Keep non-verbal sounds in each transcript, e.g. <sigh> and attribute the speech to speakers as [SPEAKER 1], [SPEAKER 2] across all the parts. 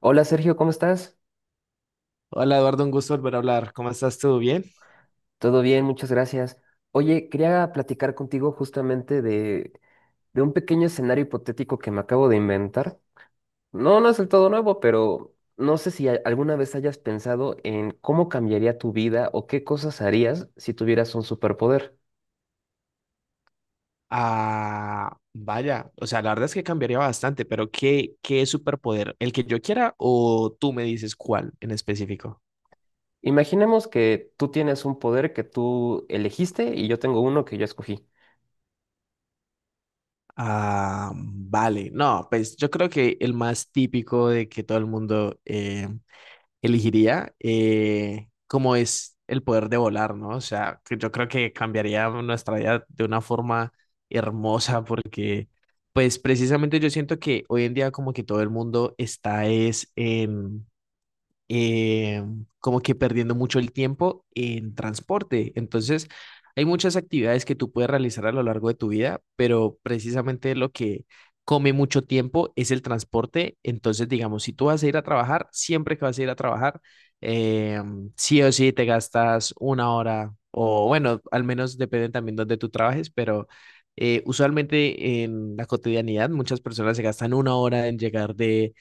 [SPEAKER 1] Hola Sergio, ¿cómo estás?
[SPEAKER 2] Hola Eduardo, un gusto volver a hablar. ¿Cómo estás? ¿Todo bien?
[SPEAKER 1] Todo bien, muchas gracias. Oye, quería platicar contigo justamente de un pequeño escenario hipotético que me acabo de inventar. No es del todo nuevo, pero no sé si alguna vez hayas pensado en cómo cambiaría tu vida o qué cosas harías si tuvieras un superpoder.
[SPEAKER 2] Ah, vaya, o sea, la verdad es que cambiaría bastante, pero ¿qué superpoder? ¿El que yo quiera o tú me dices cuál en específico?
[SPEAKER 1] Imaginemos que tú tienes un poder que tú elegiste y yo tengo uno que yo escogí.
[SPEAKER 2] Ah, vale. No, pues yo creo que el más típico de que todo el mundo elegiría, como es el poder de volar, ¿no? O sea, que yo creo que cambiaría nuestra vida de una forma hermosa porque, pues precisamente yo siento que hoy en día como que todo el mundo está es en eh, como que perdiendo mucho el tiempo en transporte. Entonces, hay muchas actividades que tú puedes realizar a lo largo de tu vida, pero precisamente lo que come mucho tiempo es el transporte. Entonces, digamos, si tú vas a ir a trabajar, siempre que vas a ir a trabajar, eh, sí o sí te gastas una hora o bueno, al menos depende también donde tú trabajes, pero usualmente en la cotidianidad muchas personas se gastan una hora en llegar de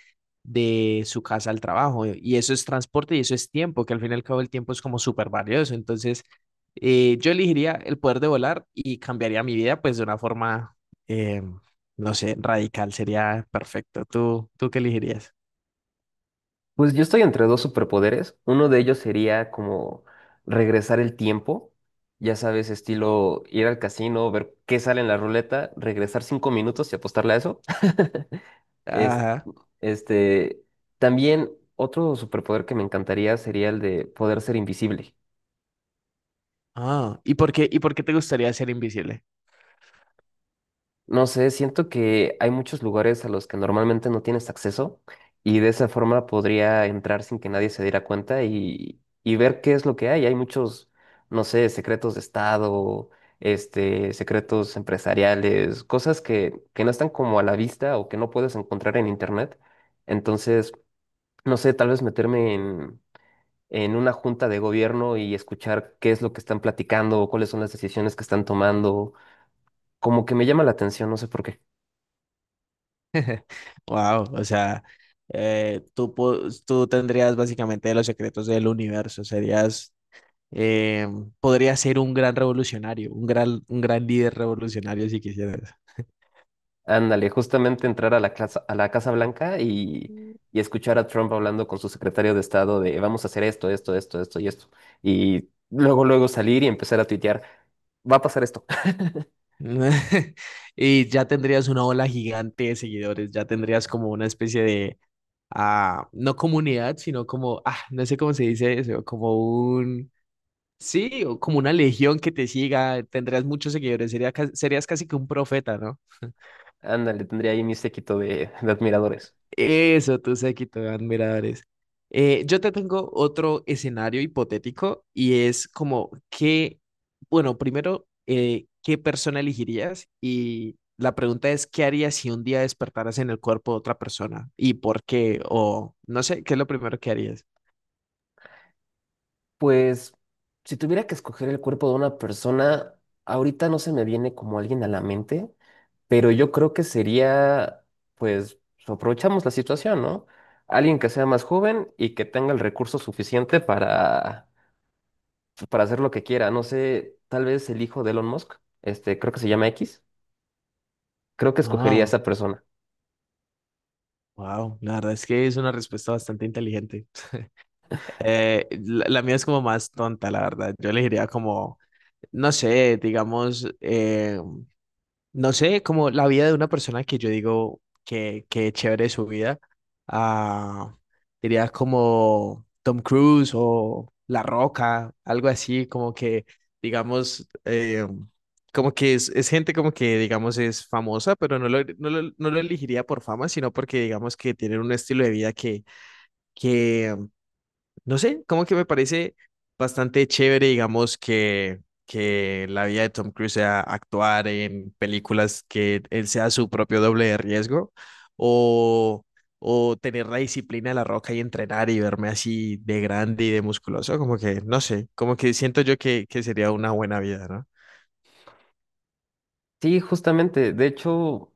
[SPEAKER 2] de su casa al trabajo. Y eso es transporte y eso es tiempo, que al fin y al cabo el tiempo es como súper valioso. Entonces, yo elegiría el poder de volar y cambiaría mi vida pues de una forma, eh, no sé, radical. Sería perfecto. ¿Tú qué elegirías?
[SPEAKER 1] Pues yo estoy entre dos superpoderes. Uno de ellos sería como regresar el tiempo. Ya sabes, estilo ir al casino, ver qué sale en la ruleta, regresar cinco minutos y apostarle a eso. <laughs> Es-
[SPEAKER 2] Ajá.
[SPEAKER 1] este, también otro superpoder que me encantaría sería el de poder ser invisible.
[SPEAKER 2] Ah, y por qué te gustaría ser invisible?
[SPEAKER 1] No sé, siento que hay muchos lugares a los que normalmente no tienes acceso y de esa forma podría entrar sin que nadie se diera cuenta y ver qué es lo que hay. Hay muchos, no sé, secretos de estado, secretos empresariales, cosas que no están como a la vista o que no puedes encontrar en internet. Entonces, no sé, tal vez meterme en una junta de gobierno y escuchar qué es lo que están platicando, cuáles son las decisiones que están tomando, como que me llama la atención, no sé por qué.
[SPEAKER 2] Wow, o sea, eh, tú, po- tú tendrías básicamente los secretos del universo, serías. Eh, podría ser un gran revolucionario, un gran líder revolucionario si quisieras.
[SPEAKER 1] Ándale, justamente entrar a la Casa Blanca y escuchar a Trump hablando con su secretario de Estado de vamos a hacer esto, esto, esto, esto y esto. Y luego salir y empezar a tuitear, va a pasar esto. <laughs>
[SPEAKER 2] <laughs> Y ya tendrías una ola gigante de seguidores, ya tendrías como una especie de, ah, no comunidad, sino como, ah, no sé cómo se dice eso, como un, sí, o como una legión que te siga, tendrías muchos seguidores, sería, serías casi que un profeta, ¿no?
[SPEAKER 1] Ándale, tendría ahí mi séquito de admiradores.
[SPEAKER 2] Eso, tus séquito, de admiradores. Yo te tengo otro escenario hipotético y es como que, bueno, primero, ¿qué persona elegirías? Y la pregunta es, ¿qué harías si un día despertaras en el cuerpo de otra persona? ¿Y por qué? O no sé, ¿qué es lo primero que harías?
[SPEAKER 1] Pues, si tuviera que escoger el cuerpo de una persona, ahorita no se me viene como alguien a la mente, pero yo creo que sería, pues, aprovechamos la situación, ¿no? Alguien que sea más joven y que tenga el recurso suficiente para hacer lo que quiera. No sé, tal vez el hijo de Elon Musk, este, creo que se llama X, creo que escogería a
[SPEAKER 2] Ah,
[SPEAKER 1] esa persona.
[SPEAKER 2] wow, la verdad es que es una respuesta bastante inteligente. <laughs> La mía es como más tonta, la verdad. Yo elegiría como, no sé, digamos, no sé, como la vida de una persona que yo digo que chévere su vida, ah, diría como Tom Cruise o La Roca, algo así, como que, digamos, como que es gente como que, digamos, es famosa, pero no lo, no lo, no lo elegiría por fama, sino porque, digamos, que tienen un estilo de vida que no sé, como que me parece bastante chévere, digamos, que la vida de Tom Cruise sea actuar en películas que él sea su propio doble de riesgo o, o tener la disciplina de la roca y entrenar y verme así de grande y de musculoso, como que, no sé, como que siento yo que sería una buena vida, ¿no?
[SPEAKER 1] Sí, justamente, de hecho,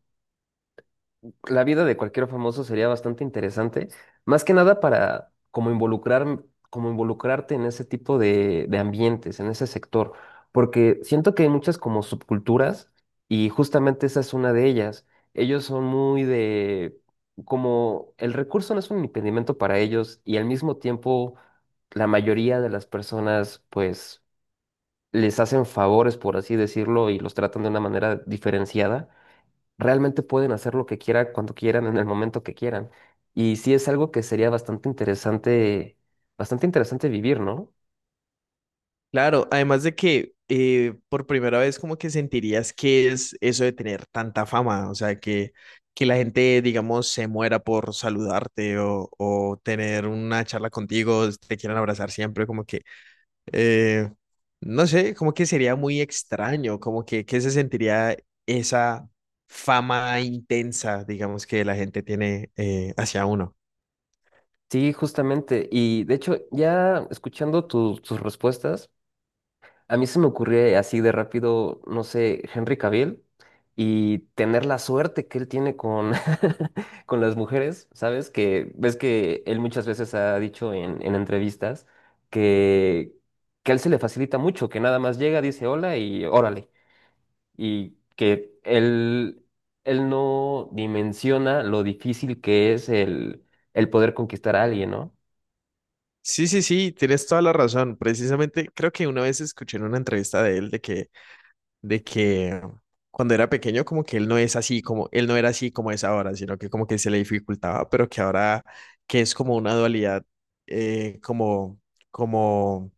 [SPEAKER 1] la vida de cualquier famoso sería bastante interesante, más que nada para como involucrar, como involucrarte en ese tipo de ambientes, en ese sector, porque siento que hay muchas como subculturas y justamente esa es una de ellas. Ellos son muy de, como el recurso no es un impedimento para ellos y al mismo tiempo la mayoría de las personas pues les hacen favores, por así decirlo, y los tratan de una manera diferenciada realmente pueden hacer lo que quieran, cuando quieran, en el momento que quieran. Y sí es algo que sería bastante interesante vivir, ¿no?
[SPEAKER 2] Claro, además de que por primera vez como que sentirías que es eso de tener tanta fama, o sea, que la gente, digamos, se muera por saludarte o tener una charla contigo, te quieran abrazar siempre, como que, eh, no sé, como que sería muy extraño, como que se sentiría esa fama intensa, digamos, que la gente tiene hacia uno.
[SPEAKER 1] Sí, justamente. Y de hecho, ya escuchando tus respuestas, a mí se me ocurrió así de rápido, no sé, Henry Cavill y tener la suerte que él tiene con, <laughs> con las mujeres, ¿sabes? Que ves que él muchas veces ha dicho en entrevistas que, que a él se le facilita mucho, que nada más llega, dice hola y órale. Y que él no dimensiona lo difícil que es el poder conquistar a alguien, ¿no?
[SPEAKER 2] Sí, sí, sí, tienes toda la razón. Precisamente creo que una vez escuché en una entrevista de él de que cuando era pequeño como que él no es así, como él no era así como es ahora, sino que como que se le dificultaba, pero que ahora que es como una dualidad como, como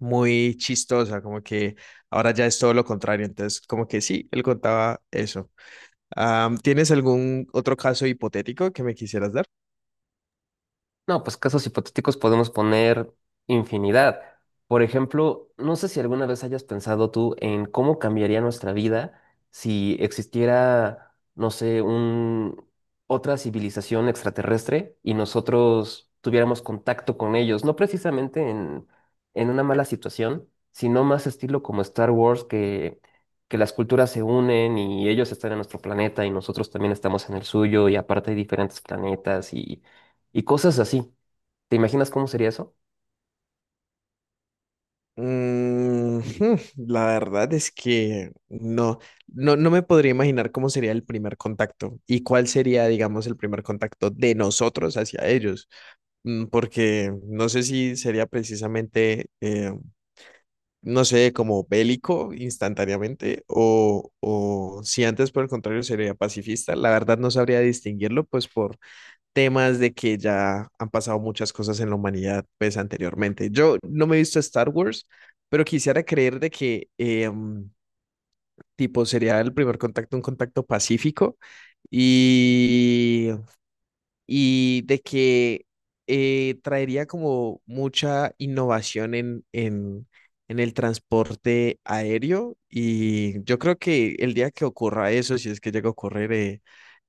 [SPEAKER 2] muy chistosa, como que ahora ya es todo lo contrario, entonces como que sí, él contaba eso. Am, ¿tienes algún otro caso hipotético que me quisieras dar?
[SPEAKER 1] No, pues casos hipotéticos podemos poner infinidad. Por ejemplo, no sé si alguna vez hayas pensado tú en cómo cambiaría nuestra vida si existiera, no sé, un otra civilización extraterrestre y nosotros tuviéramos contacto con ellos, no precisamente en una mala situación, sino más estilo como Star Wars, que las culturas se unen y ellos están en nuestro planeta y nosotros también estamos en el suyo y aparte hay diferentes planetas y cosas así. ¿Te imaginas cómo sería eso?
[SPEAKER 2] Mm, <laughs> la verdad es que no, no, no me podría imaginar cómo sería el primer contacto y cuál sería, digamos, el primer contacto de nosotros hacia ellos. Mm, porque no sé si sería precisamente, no sé, como bélico instantáneamente o si antes por el contrario sería pacifista. La verdad no sabría distinguirlo, pues por temas de que ya han pasado muchas cosas en la humanidad, pues anteriormente. Yo no me he visto Star Wars, pero quisiera creer de que, tipo, sería el primer contacto, un contacto pacífico y y de que traería como mucha innovación en el transporte aéreo y yo creo que el día que ocurra eso, si es que llega a ocurrir,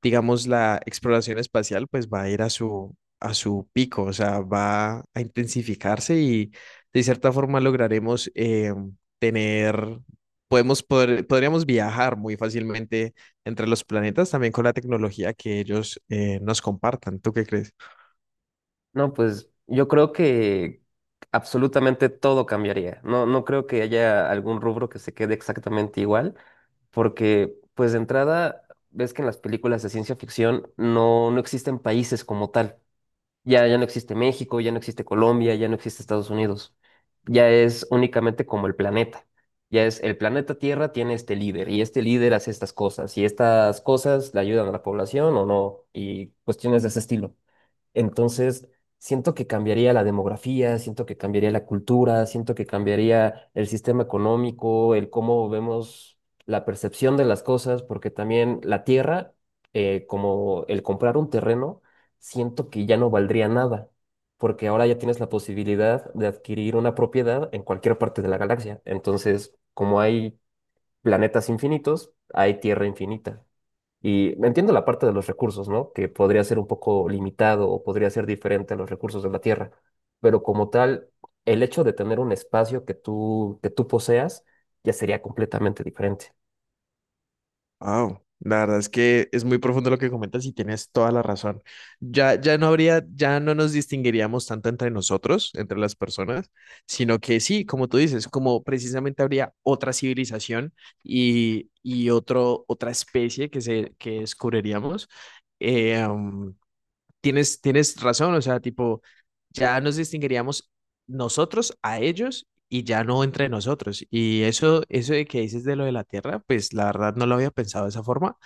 [SPEAKER 2] digamos, la exploración espacial, pues va a ir a su pico, o sea, va a intensificarse y de cierta forma lograremos tener, podríamos viajar muy fácilmente entre los planetas, también con la tecnología que ellos nos compartan. ¿Tú qué crees?
[SPEAKER 1] No, pues yo creo que absolutamente todo cambiaría. No creo que haya algún rubro que se quede exactamente igual, porque pues de entrada ves que en las películas de ciencia ficción no existen países como tal. Ya no existe México, ya no existe Colombia, ya no existe Estados Unidos. Ya es únicamente como el planeta. Ya es el planeta Tierra tiene este líder y este líder hace estas cosas y estas cosas le ayudan a la población o no y cuestiones de ese estilo. Entonces, siento que cambiaría la demografía, siento que cambiaría la cultura, siento que cambiaría el sistema económico, el cómo vemos la percepción de las cosas, porque también la tierra, como el comprar un terreno, siento que ya no valdría nada, porque ahora ya tienes la posibilidad de adquirir una propiedad en cualquier parte de la galaxia. Entonces, como hay planetas infinitos, hay tierra infinita. Y entiendo la parte de los recursos, ¿no? Que podría ser un poco limitado o podría ser diferente a los recursos de la Tierra, pero como tal, el hecho de tener un espacio que que tú poseas ya sería completamente diferente.
[SPEAKER 2] Wow, la verdad es que es muy profundo lo que comentas y tienes toda la razón. Ya, ya no habría, ya no nos distinguiríamos tanto entre nosotros, entre las personas, sino que sí, como tú dices, como precisamente habría otra civilización y otro, otra especie que, se, que descubriríamos. eh, um, tienes razón, o sea, tipo, ya nos distinguiríamos nosotros a ellos y ya no entre nosotros. Y eso de que dices de lo de la Tierra, pues la verdad no lo había pensado de esa forma,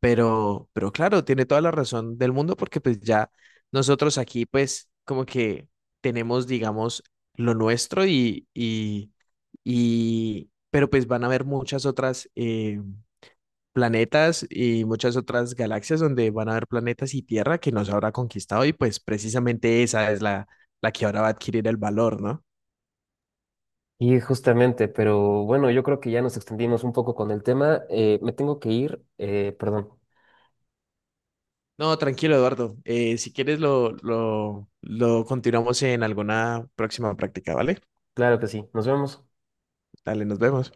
[SPEAKER 2] pero claro, tiene toda la razón del mundo porque pues ya nosotros aquí pues como que tenemos, digamos, lo nuestro y pero pues van a haber muchas otras planetas y muchas otras galaxias donde van a haber planetas y Tierra que nos habrá conquistado y pues precisamente esa es la, la que ahora va a adquirir el valor, ¿no?
[SPEAKER 1] Y justamente, pero bueno, yo creo que ya nos extendimos un poco con el tema. Me tengo que ir, perdón.
[SPEAKER 2] No, tranquilo, Eduardo. Si quieres lo continuamos en alguna próxima práctica, ¿vale?
[SPEAKER 1] Claro que sí, nos vemos.
[SPEAKER 2] Dale, nos vemos.